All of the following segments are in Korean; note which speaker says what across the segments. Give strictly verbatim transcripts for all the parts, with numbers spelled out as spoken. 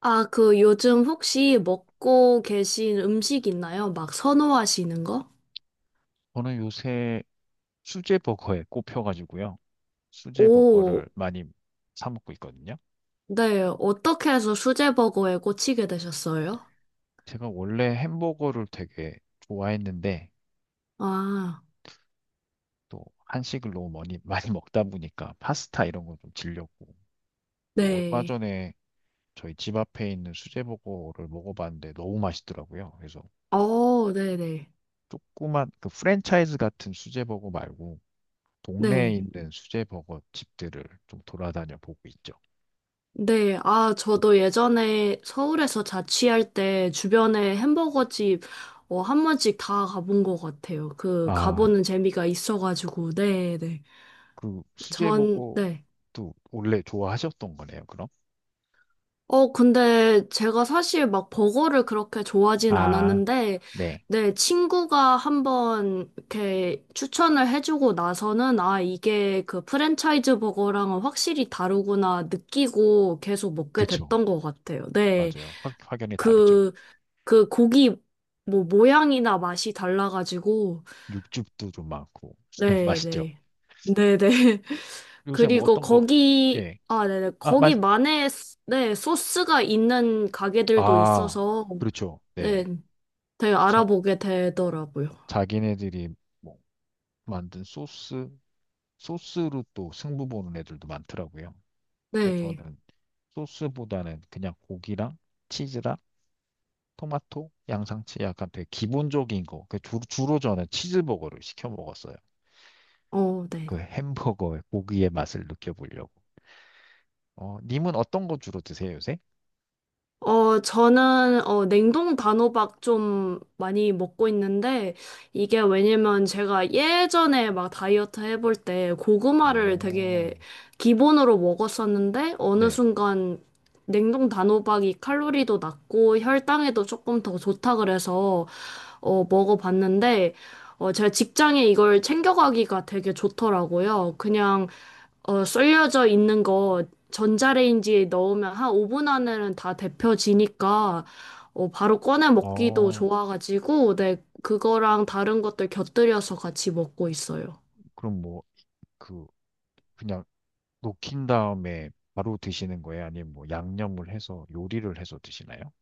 Speaker 1: 아, 그 요즘 혹시 먹고 계신 음식 있나요? 막 선호하시는 거?
Speaker 2: 저는 요새 수제버거에 꼽혀가지고요.
Speaker 1: 오,
Speaker 2: 수제버거를 많이 사 먹고 있거든요.
Speaker 1: 네. 어떻게 해서 수제버거에 꽂히게 되셨어요?
Speaker 2: 제가 원래 햄버거를 되게 좋아했는데
Speaker 1: 아,
Speaker 2: 또 한식을 너무 많이, 많이 먹다 보니까 파스타 이런 거 좀 질렸고 그 얼마
Speaker 1: 네.
Speaker 2: 전에 저희 집 앞에 있는 수제버거를 먹어봤는데 너무 맛있더라고요. 그래서
Speaker 1: 어, 네네.
Speaker 2: 조그만 그 프랜차이즈 같은 수제버거 말고 동네에
Speaker 1: 네.
Speaker 2: 있는 수제버거 집들을 좀 돌아다녀 보고 있죠.
Speaker 1: 네. 아, 저도 예전에 서울에서 자취할 때 주변에 햄버거 집, 어, 한 번씩 다 가본 것 같아요. 그,
Speaker 2: 아,
Speaker 1: 가보는 재미가 있어가지고, 네네.
Speaker 2: 그
Speaker 1: 전, 네.
Speaker 2: 수제버거도 원래 좋아하셨던 거네요, 그럼?
Speaker 1: 어, 근데 제가 사실 막 버거를 그렇게 좋아하진
Speaker 2: 아,
Speaker 1: 않았는데,
Speaker 2: 네.
Speaker 1: 네, 친구가 한번 이렇게 추천을 해주고 나서는, 아, 이게 그 프랜차이즈 버거랑은 확실히 다르구나 느끼고 계속 먹게
Speaker 2: 그쵸.
Speaker 1: 됐던 것 같아요. 네,
Speaker 2: 맞아요. 확, 확연히 다르죠.
Speaker 1: 그, 그 고기 뭐 모양이나 맛이 달라가지고,
Speaker 2: 육즙도 좀 많고. 맛있죠.
Speaker 1: 네네. 네네.
Speaker 2: 요새 뭐
Speaker 1: 그리고
Speaker 2: 어떤 거,
Speaker 1: 거기,
Speaker 2: 네.
Speaker 1: 아, 네네.
Speaker 2: 아, 맛,
Speaker 1: 거기만의, 스- 네, 소스가 있는 가게들도
Speaker 2: 아,
Speaker 1: 있어서,
Speaker 2: 그렇죠.
Speaker 1: 네,
Speaker 2: 네.
Speaker 1: 되게
Speaker 2: 자,
Speaker 1: 알아보게 되더라고요.
Speaker 2: 자기네들이 뭐 만든 소스, 소스로 또 승부 보는 애들도 많더라고요. 근데
Speaker 1: 네.
Speaker 2: 저는 소스보다는 그냥 고기랑 치즈랑 토마토, 양상치 약간 되게 기본적인 거. 그 주, 주로 저는 치즈버거를 시켜 먹었어요.
Speaker 1: 어, 네.
Speaker 2: 그 햄버거의 고기의 맛을 느껴보려고. 어, 님은 어떤 거 주로 드세요, 요새?
Speaker 1: 어, 저는, 어, 냉동 단호박 좀 많이 먹고 있는데, 이게 왜냐면 제가 예전에 막 다이어트 해볼 때 고구마를
Speaker 2: 어,
Speaker 1: 되게 기본으로 먹었었는데, 어느
Speaker 2: 네.
Speaker 1: 순간 냉동 단호박이 칼로리도 낮고 혈당에도 조금 더 좋다 그래서, 어, 먹어봤는데, 어, 제가 직장에 이걸 챙겨가기가 되게 좋더라고요. 그냥 어, 썰려져 있는 거 전자레인지에 넣으면 한 오 분 안에는 다 데펴지니까 어, 바로 꺼내 먹기도
Speaker 2: 어,
Speaker 1: 좋아가지고 네, 그거랑 다른 것들 곁들여서 같이 먹고 있어요.
Speaker 2: 그럼 뭐, 그, 그냥 녹인 다음에 바로 드시는 거예요? 아니면 뭐 양념을 해서 요리를 해서 드시나요?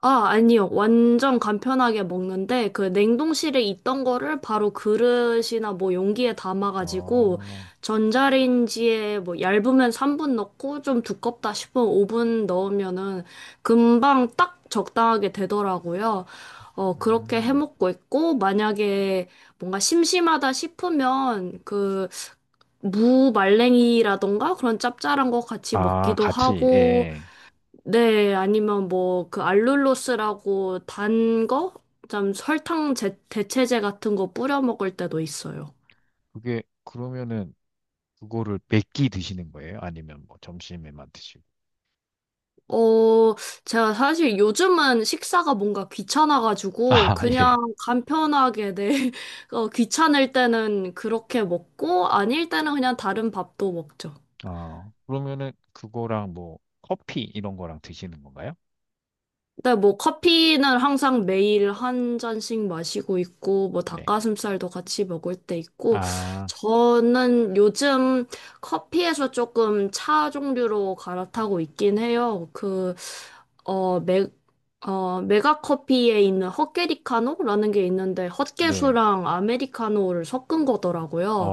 Speaker 1: 아, 아니요. 완전 간편하게 먹는데, 그 냉동실에 있던 거를 바로 그릇이나 뭐 용기에 담아가지고,
Speaker 2: 아,
Speaker 1: 전자레인지에 뭐 얇으면 삼 분 넣고, 좀 두껍다 싶으면 오 분 넣으면은 금방 딱 적당하게 되더라고요. 어, 그렇게 해
Speaker 2: 음.
Speaker 1: 먹고 있고, 만약에 뭔가 심심하다 싶으면, 그, 무 말랭이라던가 그런 짭짤한 거 같이
Speaker 2: 아,
Speaker 1: 먹기도
Speaker 2: 같이,
Speaker 1: 하고,
Speaker 2: 예.
Speaker 1: 네, 아니면 뭐 그 알룰로스라고 단 거? 좀 설탕 제, 대체제 같은 거 뿌려 먹을 때도 있어요.
Speaker 2: 그게, 그러면은, 그거를 몇끼 드시는 거예요? 아니면 뭐 점심에만 드시고?
Speaker 1: 어, 제가 사실 요즘은 식사가 뭔가 귀찮아가지고
Speaker 2: 아,
Speaker 1: 그냥
Speaker 2: 예.
Speaker 1: 간편하게 네, 어, 귀찮을 때는 그렇게 먹고 아닐 때는 그냥 다른 밥도 먹죠.
Speaker 2: 아, 그러면은 그거랑 뭐 커피 이런 거랑 드시는 건가요?
Speaker 1: 근데 뭐 커피는 항상 매일 한 잔씩 마시고 있고 뭐
Speaker 2: 네.
Speaker 1: 닭가슴살도 같이 먹을 때 있고
Speaker 2: 아,
Speaker 1: 저는 요즘 커피에서 조금 차 종류로 갈아타고 있긴 해요. 그 어, 메, 어, 메가 커피에 있는 헛개리카노라는 게 있는데
Speaker 2: 네.
Speaker 1: 헛개수랑 아메리카노를 섞은 거더라고요.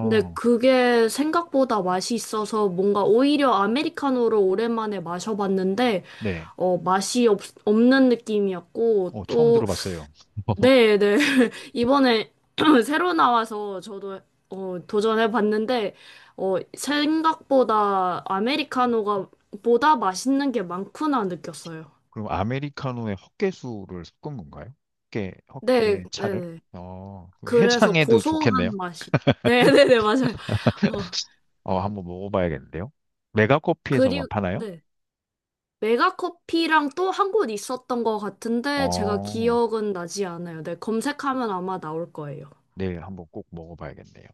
Speaker 1: 근데 그게 생각보다 맛이 있어서 뭔가 오히려 아메리카노를 오랜만에 마셔봤는데
Speaker 2: 네.
Speaker 1: 어, 맛이 없, 없는 느낌이었고,
Speaker 2: 어, 처음
Speaker 1: 또,
Speaker 2: 들어봤어요.
Speaker 1: 네, 네. 이번에 새로 나와서 저도 어, 도전해봤는데, 어, 생각보다 아메리카노가 보다 맛있는 게 많구나 느꼈어요.
Speaker 2: 그럼 아메리카노에 헛개수를 섞은 건가요? 헛개,
Speaker 1: 네, 네,
Speaker 2: 헛개 차를?
Speaker 1: 네.
Speaker 2: 어, 그
Speaker 1: 그래서
Speaker 2: 해장에도 좋겠네요.
Speaker 1: 고소한 맛이. 네, 네, 네, 맞아요. 어,
Speaker 2: 어, 한번 먹어봐야겠는데요. 메가커피에서만
Speaker 1: 그리고,
Speaker 2: 파나요?
Speaker 1: 네. 메가커피랑 또 한 곳 있었던 것 같은데, 제가
Speaker 2: 어,
Speaker 1: 기억은 나지 않아요. 네, 검색하면 아마 나올 거예요.
Speaker 2: 네, 한번 꼭 먹어봐야겠네요.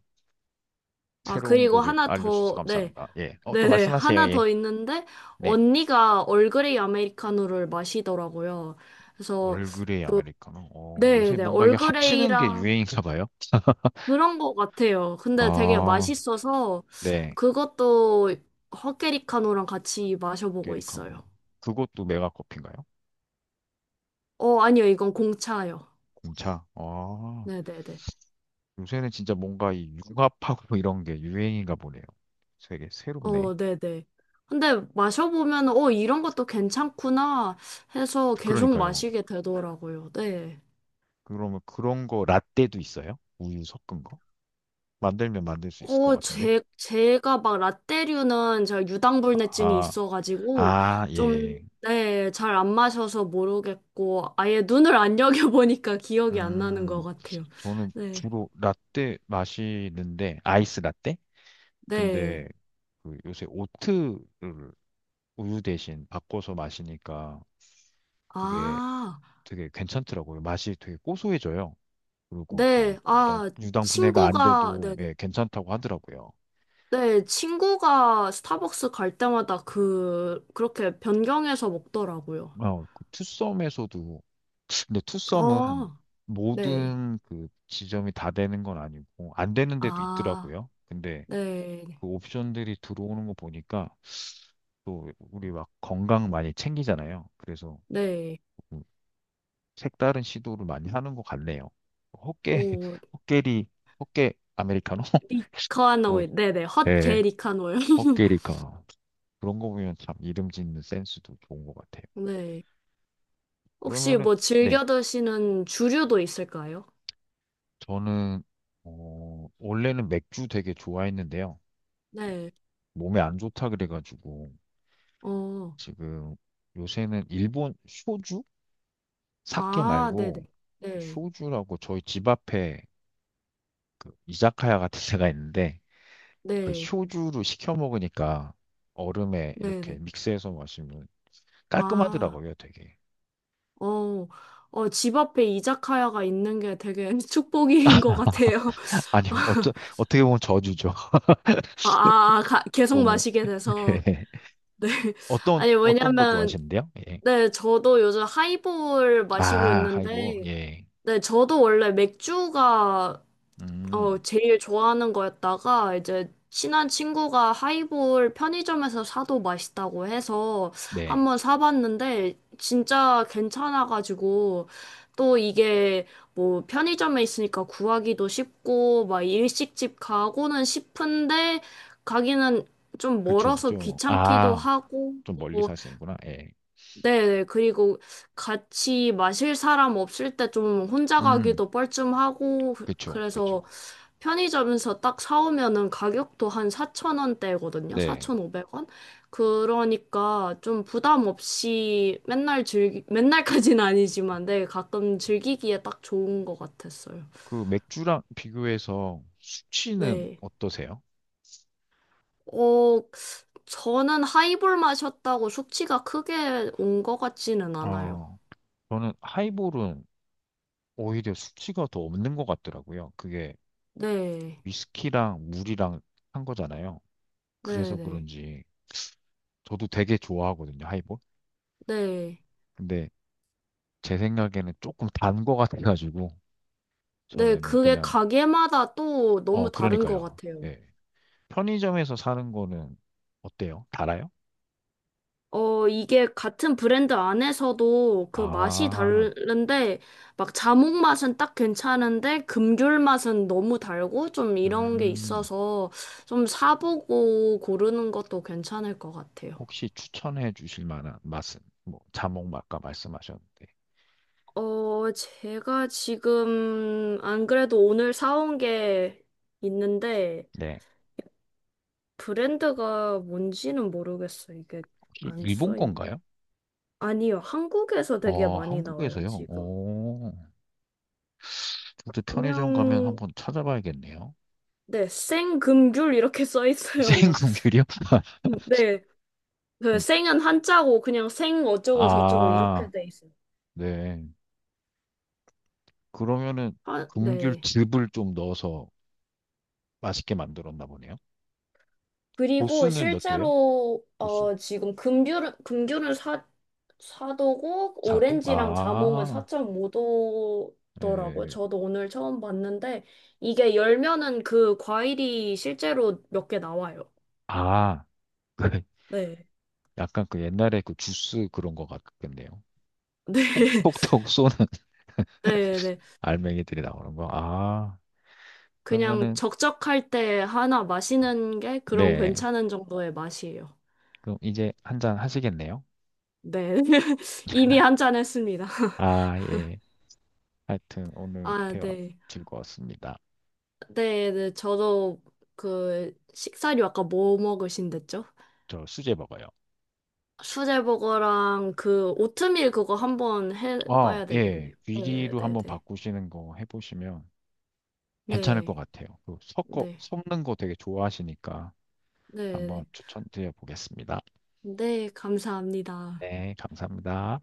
Speaker 1: 아,
Speaker 2: 새로운
Speaker 1: 그리고
Speaker 2: 거를
Speaker 1: 하나
Speaker 2: 알려주셔서
Speaker 1: 더, 네.
Speaker 2: 감사합니다. 예. 어, 또
Speaker 1: 네네,
Speaker 2: 말씀하세요.
Speaker 1: 하나
Speaker 2: 예.
Speaker 1: 더 있는데,
Speaker 2: 네.
Speaker 1: 언니가 얼그레이 아메리카노를 마시더라고요. 그래서,
Speaker 2: 얼그레이 아메리카노. 어, 요새
Speaker 1: 네네,
Speaker 2: 뭔가 이게 합치는 게
Speaker 1: 얼그레이랑
Speaker 2: 유행인가 봐요.
Speaker 1: 그런 것 같아요. 근데 되게
Speaker 2: 아,
Speaker 1: 맛있어서,
Speaker 2: 네.
Speaker 1: 그것도 헛개리카노랑 같이 마셔보고
Speaker 2: 아메리카노.
Speaker 1: 있어요.
Speaker 2: 그것도 메가커피인가요?
Speaker 1: 어, 아니요, 이건 공차요.
Speaker 2: 공차. 아,
Speaker 1: 네네네.
Speaker 2: 요새는 진짜 뭔가 이 융합하고 이런 게 유행인가 보네요. 되게 새롭네.
Speaker 1: 어, 네네. 근데 마셔보면, 어, 이런 것도 괜찮구나 해서 계속
Speaker 2: 그러니까요.
Speaker 1: 마시게 되더라고요. 네.
Speaker 2: 그러면 그런 거 라떼도 있어요? 우유 섞은 거? 만들면 만들 수 있을 것
Speaker 1: 어,
Speaker 2: 같은데.
Speaker 1: 제, 제가 막 라떼류는 제가 유당불내증이
Speaker 2: 아,
Speaker 1: 있어가지고,
Speaker 2: 아,
Speaker 1: 좀,
Speaker 2: 예.
Speaker 1: 네, 잘 안 마셔서 모르겠고, 아예 눈을 안 여겨보니까 기억이 안 나는 것
Speaker 2: 음,
Speaker 1: 같아요.
Speaker 2: 저는
Speaker 1: 네,
Speaker 2: 주로 라떼 마시는데, 아이스 라떼?
Speaker 1: 네.
Speaker 2: 근데 그 요새 오트를 우유 대신 바꿔서 마시니까 그게
Speaker 1: 아,
Speaker 2: 되게 괜찮더라고요. 맛이 되게 고소해져요. 그리고 그
Speaker 1: 네,
Speaker 2: 유당,
Speaker 1: 아,
Speaker 2: 유당 분해가 안
Speaker 1: 친구가,
Speaker 2: 돼도
Speaker 1: 네네.
Speaker 2: 예, 괜찮다고 하더라고요.
Speaker 1: 네, 네, 친구가 스타벅스 갈 때마다 그, 그렇게 변경해서 먹더라고요.
Speaker 2: 어, 그 투썸에서도 근데 투썸은
Speaker 1: 어, 네.
Speaker 2: 모든 그 지점이 다 되는 건 아니고 안 되는 데도
Speaker 1: 아,
Speaker 2: 있더라고요. 근데
Speaker 1: 네,
Speaker 2: 그 옵션들이 들어오는 거 보니까 또 우리 막 건강 많이 챙기잖아요. 그래서
Speaker 1: 네.
Speaker 2: 뭐 색다른 시도를 많이 하는 것 같네요. 호깨,
Speaker 1: 오,
Speaker 2: 호깨리, 호깨 아메리카노? 그,
Speaker 1: 리카노일. 네네.
Speaker 2: 네,
Speaker 1: 헛게 리카노일.
Speaker 2: 호깨리카노. 그런 거 보면 참 이름 짓는 센스도 좋은 것 같아요.
Speaker 1: 네. 혹시
Speaker 2: 그러면은,
Speaker 1: 뭐
Speaker 2: 네,
Speaker 1: 즐겨 드시는 주류도 있을까요?
Speaker 2: 저는, 어, 원래는 맥주 되게 좋아했는데요.
Speaker 1: 네.
Speaker 2: 몸에 안 좋다 그래가지고,
Speaker 1: 어.
Speaker 2: 지금 요새는 일본 쇼주? 사케
Speaker 1: 아, 네네.
Speaker 2: 말고, 그
Speaker 1: 네.
Speaker 2: 쇼주라고 저희 집 앞에 그 이자카야 같은 데가 있는데, 그
Speaker 1: 네.
Speaker 2: 소주로 시켜 먹으니까 얼음에 이렇게
Speaker 1: 네네.
Speaker 2: 믹스해서 마시면
Speaker 1: 아,
Speaker 2: 깔끔하더라고요, 되게.
Speaker 1: 어. 어, 집 앞에 이자카야가 있는 게 되게 축복인 것 같아요.
Speaker 2: 아니요,
Speaker 1: 아,
Speaker 2: 어쩌, 어떻게 보면 저주죠.
Speaker 1: 아, 아, 가- 계속
Speaker 2: 너무,
Speaker 1: 마시게 돼서.
Speaker 2: 예.
Speaker 1: 네.
Speaker 2: 어떤,
Speaker 1: 아니,
Speaker 2: 어떤 거
Speaker 1: 왜냐면,
Speaker 2: 좋아하시는데요? 예.
Speaker 1: 네, 저도 요즘 하이볼 마시고
Speaker 2: 아, 하이볼,
Speaker 1: 있는데,
Speaker 2: 예.
Speaker 1: 네, 저도 원래 맥주가 어,
Speaker 2: 음,
Speaker 1: 제일 좋아하는 거였다가 이제 친한 친구가 하이볼 편의점에서 사도 맛있다고 해서 한
Speaker 2: 네.
Speaker 1: 번 사봤는데 진짜 괜찮아가지고 또 이게 뭐 편의점에 있으니까 구하기도 쉽고 막 일식집 가고는 싶은데 가기는 좀
Speaker 2: 그쵸,
Speaker 1: 멀어서
Speaker 2: 좀,
Speaker 1: 귀찮기도
Speaker 2: 아,
Speaker 1: 하고
Speaker 2: 좀 멀리
Speaker 1: 또
Speaker 2: 사시는구나, 예.
Speaker 1: 네, 네. 그리고 같이 마실 사람 없을 때 좀 혼자
Speaker 2: 음,
Speaker 1: 가기도 뻘쭘하고 그-
Speaker 2: 그쵸,
Speaker 1: 그래서
Speaker 2: 그쵸.
Speaker 1: 편의점에서 딱 사오면은 가격도 한 사천 원대거든요.
Speaker 2: 네.
Speaker 1: 사천오백 원? 그러니까 좀 부담 없이 맨날 즐기, 맨날까지는 아니지만, 네, 가끔 즐기기에 딱 좋은 것 같았어요.
Speaker 2: 그 맥주랑 비교해서 수치는
Speaker 1: 네.
Speaker 2: 어떠세요?
Speaker 1: 어, 저는 하이볼 마셨다고 숙취가 크게 온 것 같지는 않아요.
Speaker 2: 어, 저는 하이볼은 오히려 수치가 더 없는 것 같더라고요. 그게
Speaker 1: 네.
Speaker 2: 위스키랑 물이랑 한 거잖아요.
Speaker 1: 네네.
Speaker 2: 그래서
Speaker 1: 네.
Speaker 2: 그런지 저도 되게 좋아하거든요, 하이볼.
Speaker 1: 네,
Speaker 2: 근데 제 생각에는 조금 단 거 같아가지고
Speaker 1: 네,
Speaker 2: 저는
Speaker 1: 그게
Speaker 2: 그냥
Speaker 1: 가게마다 또
Speaker 2: 어
Speaker 1: 너무 다른 것
Speaker 2: 그러니까요.
Speaker 1: 같아요.
Speaker 2: 예. 편의점에서 사는 거는 어때요? 달아요?
Speaker 1: 어, 이게 같은 브랜드 안에서도 그 맛이
Speaker 2: 아,
Speaker 1: 다른데, 막 자몽 맛은 딱 괜찮은데, 금귤 맛은 너무 달고, 좀 이런 게
Speaker 2: 음,
Speaker 1: 있어서 좀 사보고 고르는 것도 괜찮을 것 같아요.
Speaker 2: 혹시 추천해 주실 만한 맛은 뭐 자몽 맛과 말씀하셨는데,
Speaker 1: 어, 제가 지금 안 그래도 오늘 사온 게 있는데,
Speaker 2: 네,
Speaker 1: 브랜드가 뭔지는 모르겠어요. 이게
Speaker 2: 혹시
Speaker 1: 안
Speaker 2: 일본
Speaker 1: 써 있나요?
Speaker 2: 건가요?
Speaker 1: 아니요, 한국에서 되게
Speaker 2: 어,
Speaker 1: 많이 나와요,
Speaker 2: 한국에서요?
Speaker 1: 지금.
Speaker 2: 오. 근데 편의점 가면
Speaker 1: 그냥
Speaker 2: 한번 찾아봐야겠네요.
Speaker 1: 네, 생금귤 이렇게 써 있어요, 막.
Speaker 2: 생금귤이요?
Speaker 1: 네, 그
Speaker 2: 음,
Speaker 1: 생은 한자고 그냥 생 어쩌고 저쩌고
Speaker 2: 아,
Speaker 1: 이렇게 돼 있어요.
Speaker 2: 네. 그러면은
Speaker 1: 아, 네.
Speaker 2: 금귤즙을 좀 넣어서 맛있게 만들었나 보네요.
Speaker 1: 그리고
Speaker 2: 도수는 몇 도예요?
Speaker 1: 실제로
Speaker 2: 도수.
Speaker 1: 어 지금 금귤은 금귤은 사 4도고
Speaker 2: 사 도?
Speaker 1: 오렌지랑 자몽은
Speaker 2: 아,
Speaker 1: 사 점 오 도더라고요.
Speaker 2: 예.
Speaker 1: 저도 오늘 처음 봤는데 이게 열면은 그 과일이 실제로 몇 개 나와요.
Speaker 2: 아, 그
Speaker 1: 네.
Speaker 2: 약간 그 옛날에 그 주스 그런 거 같겠네요.
Speaker 1: 네.
Speaker 2: 톡톡톡 쏘는
Speaker 1: 네, 네.
Speaker 2: 알맹이들이 나오는 거. 아,
Speaker 1: 그냥
Speaker 2: 그러면은
Speaker 1: 적적할 때 하나 마시는 게 그런
Speaker 2: 네.
Speaker 1: 괜찮은 정도의 맛이에요.
Speaker 2: 그럼 이제 한 잔 하시겠네요?
Speaker 1: 네. 이미 한 잔 했습니다.
Speaker 2: 아, 예. 하여튼 오늘
Speaker 1: 아,
Speaker 2: 대화
Speaker 1: 네.
Speaker 2: 즐거웠습니다.
Speaker 1: 네, 네. 저도 그 식사류 아까 뭐 먹으신댔죠?
Speaker 2: 저 수제 버거요.
Speaker 1: 수제버거랑 그 오트밀 그거 한번
Speaker 2: 어,
Speaker 1: 해봐야
Speaker 2: 예.
Speaker 1: 되겠네요. 네,
Speaker 2: 귀리로
Speaker 1: 네,
Speaker 2: 한번
Speaker 1: 네.
Speaker 2: 바꾸시는 거 해보시면 괜찮을 것
Speaker 1: 네,
Speaker 2: 같아요. 그
Speaker 1: 네,
Speaker 2: 섞어,
Speaker 1: 네.
Speaker 2: 섞는 거 되게 좋아하시니까
Speaker 1: 네,
Speaker 2: 한번
Speaker 1: 네.
Speaker 2: 추천드려 보겠습니다.
Speaker 1: 네, 감사합니다.
Speaker 2: 네, 감사합니다.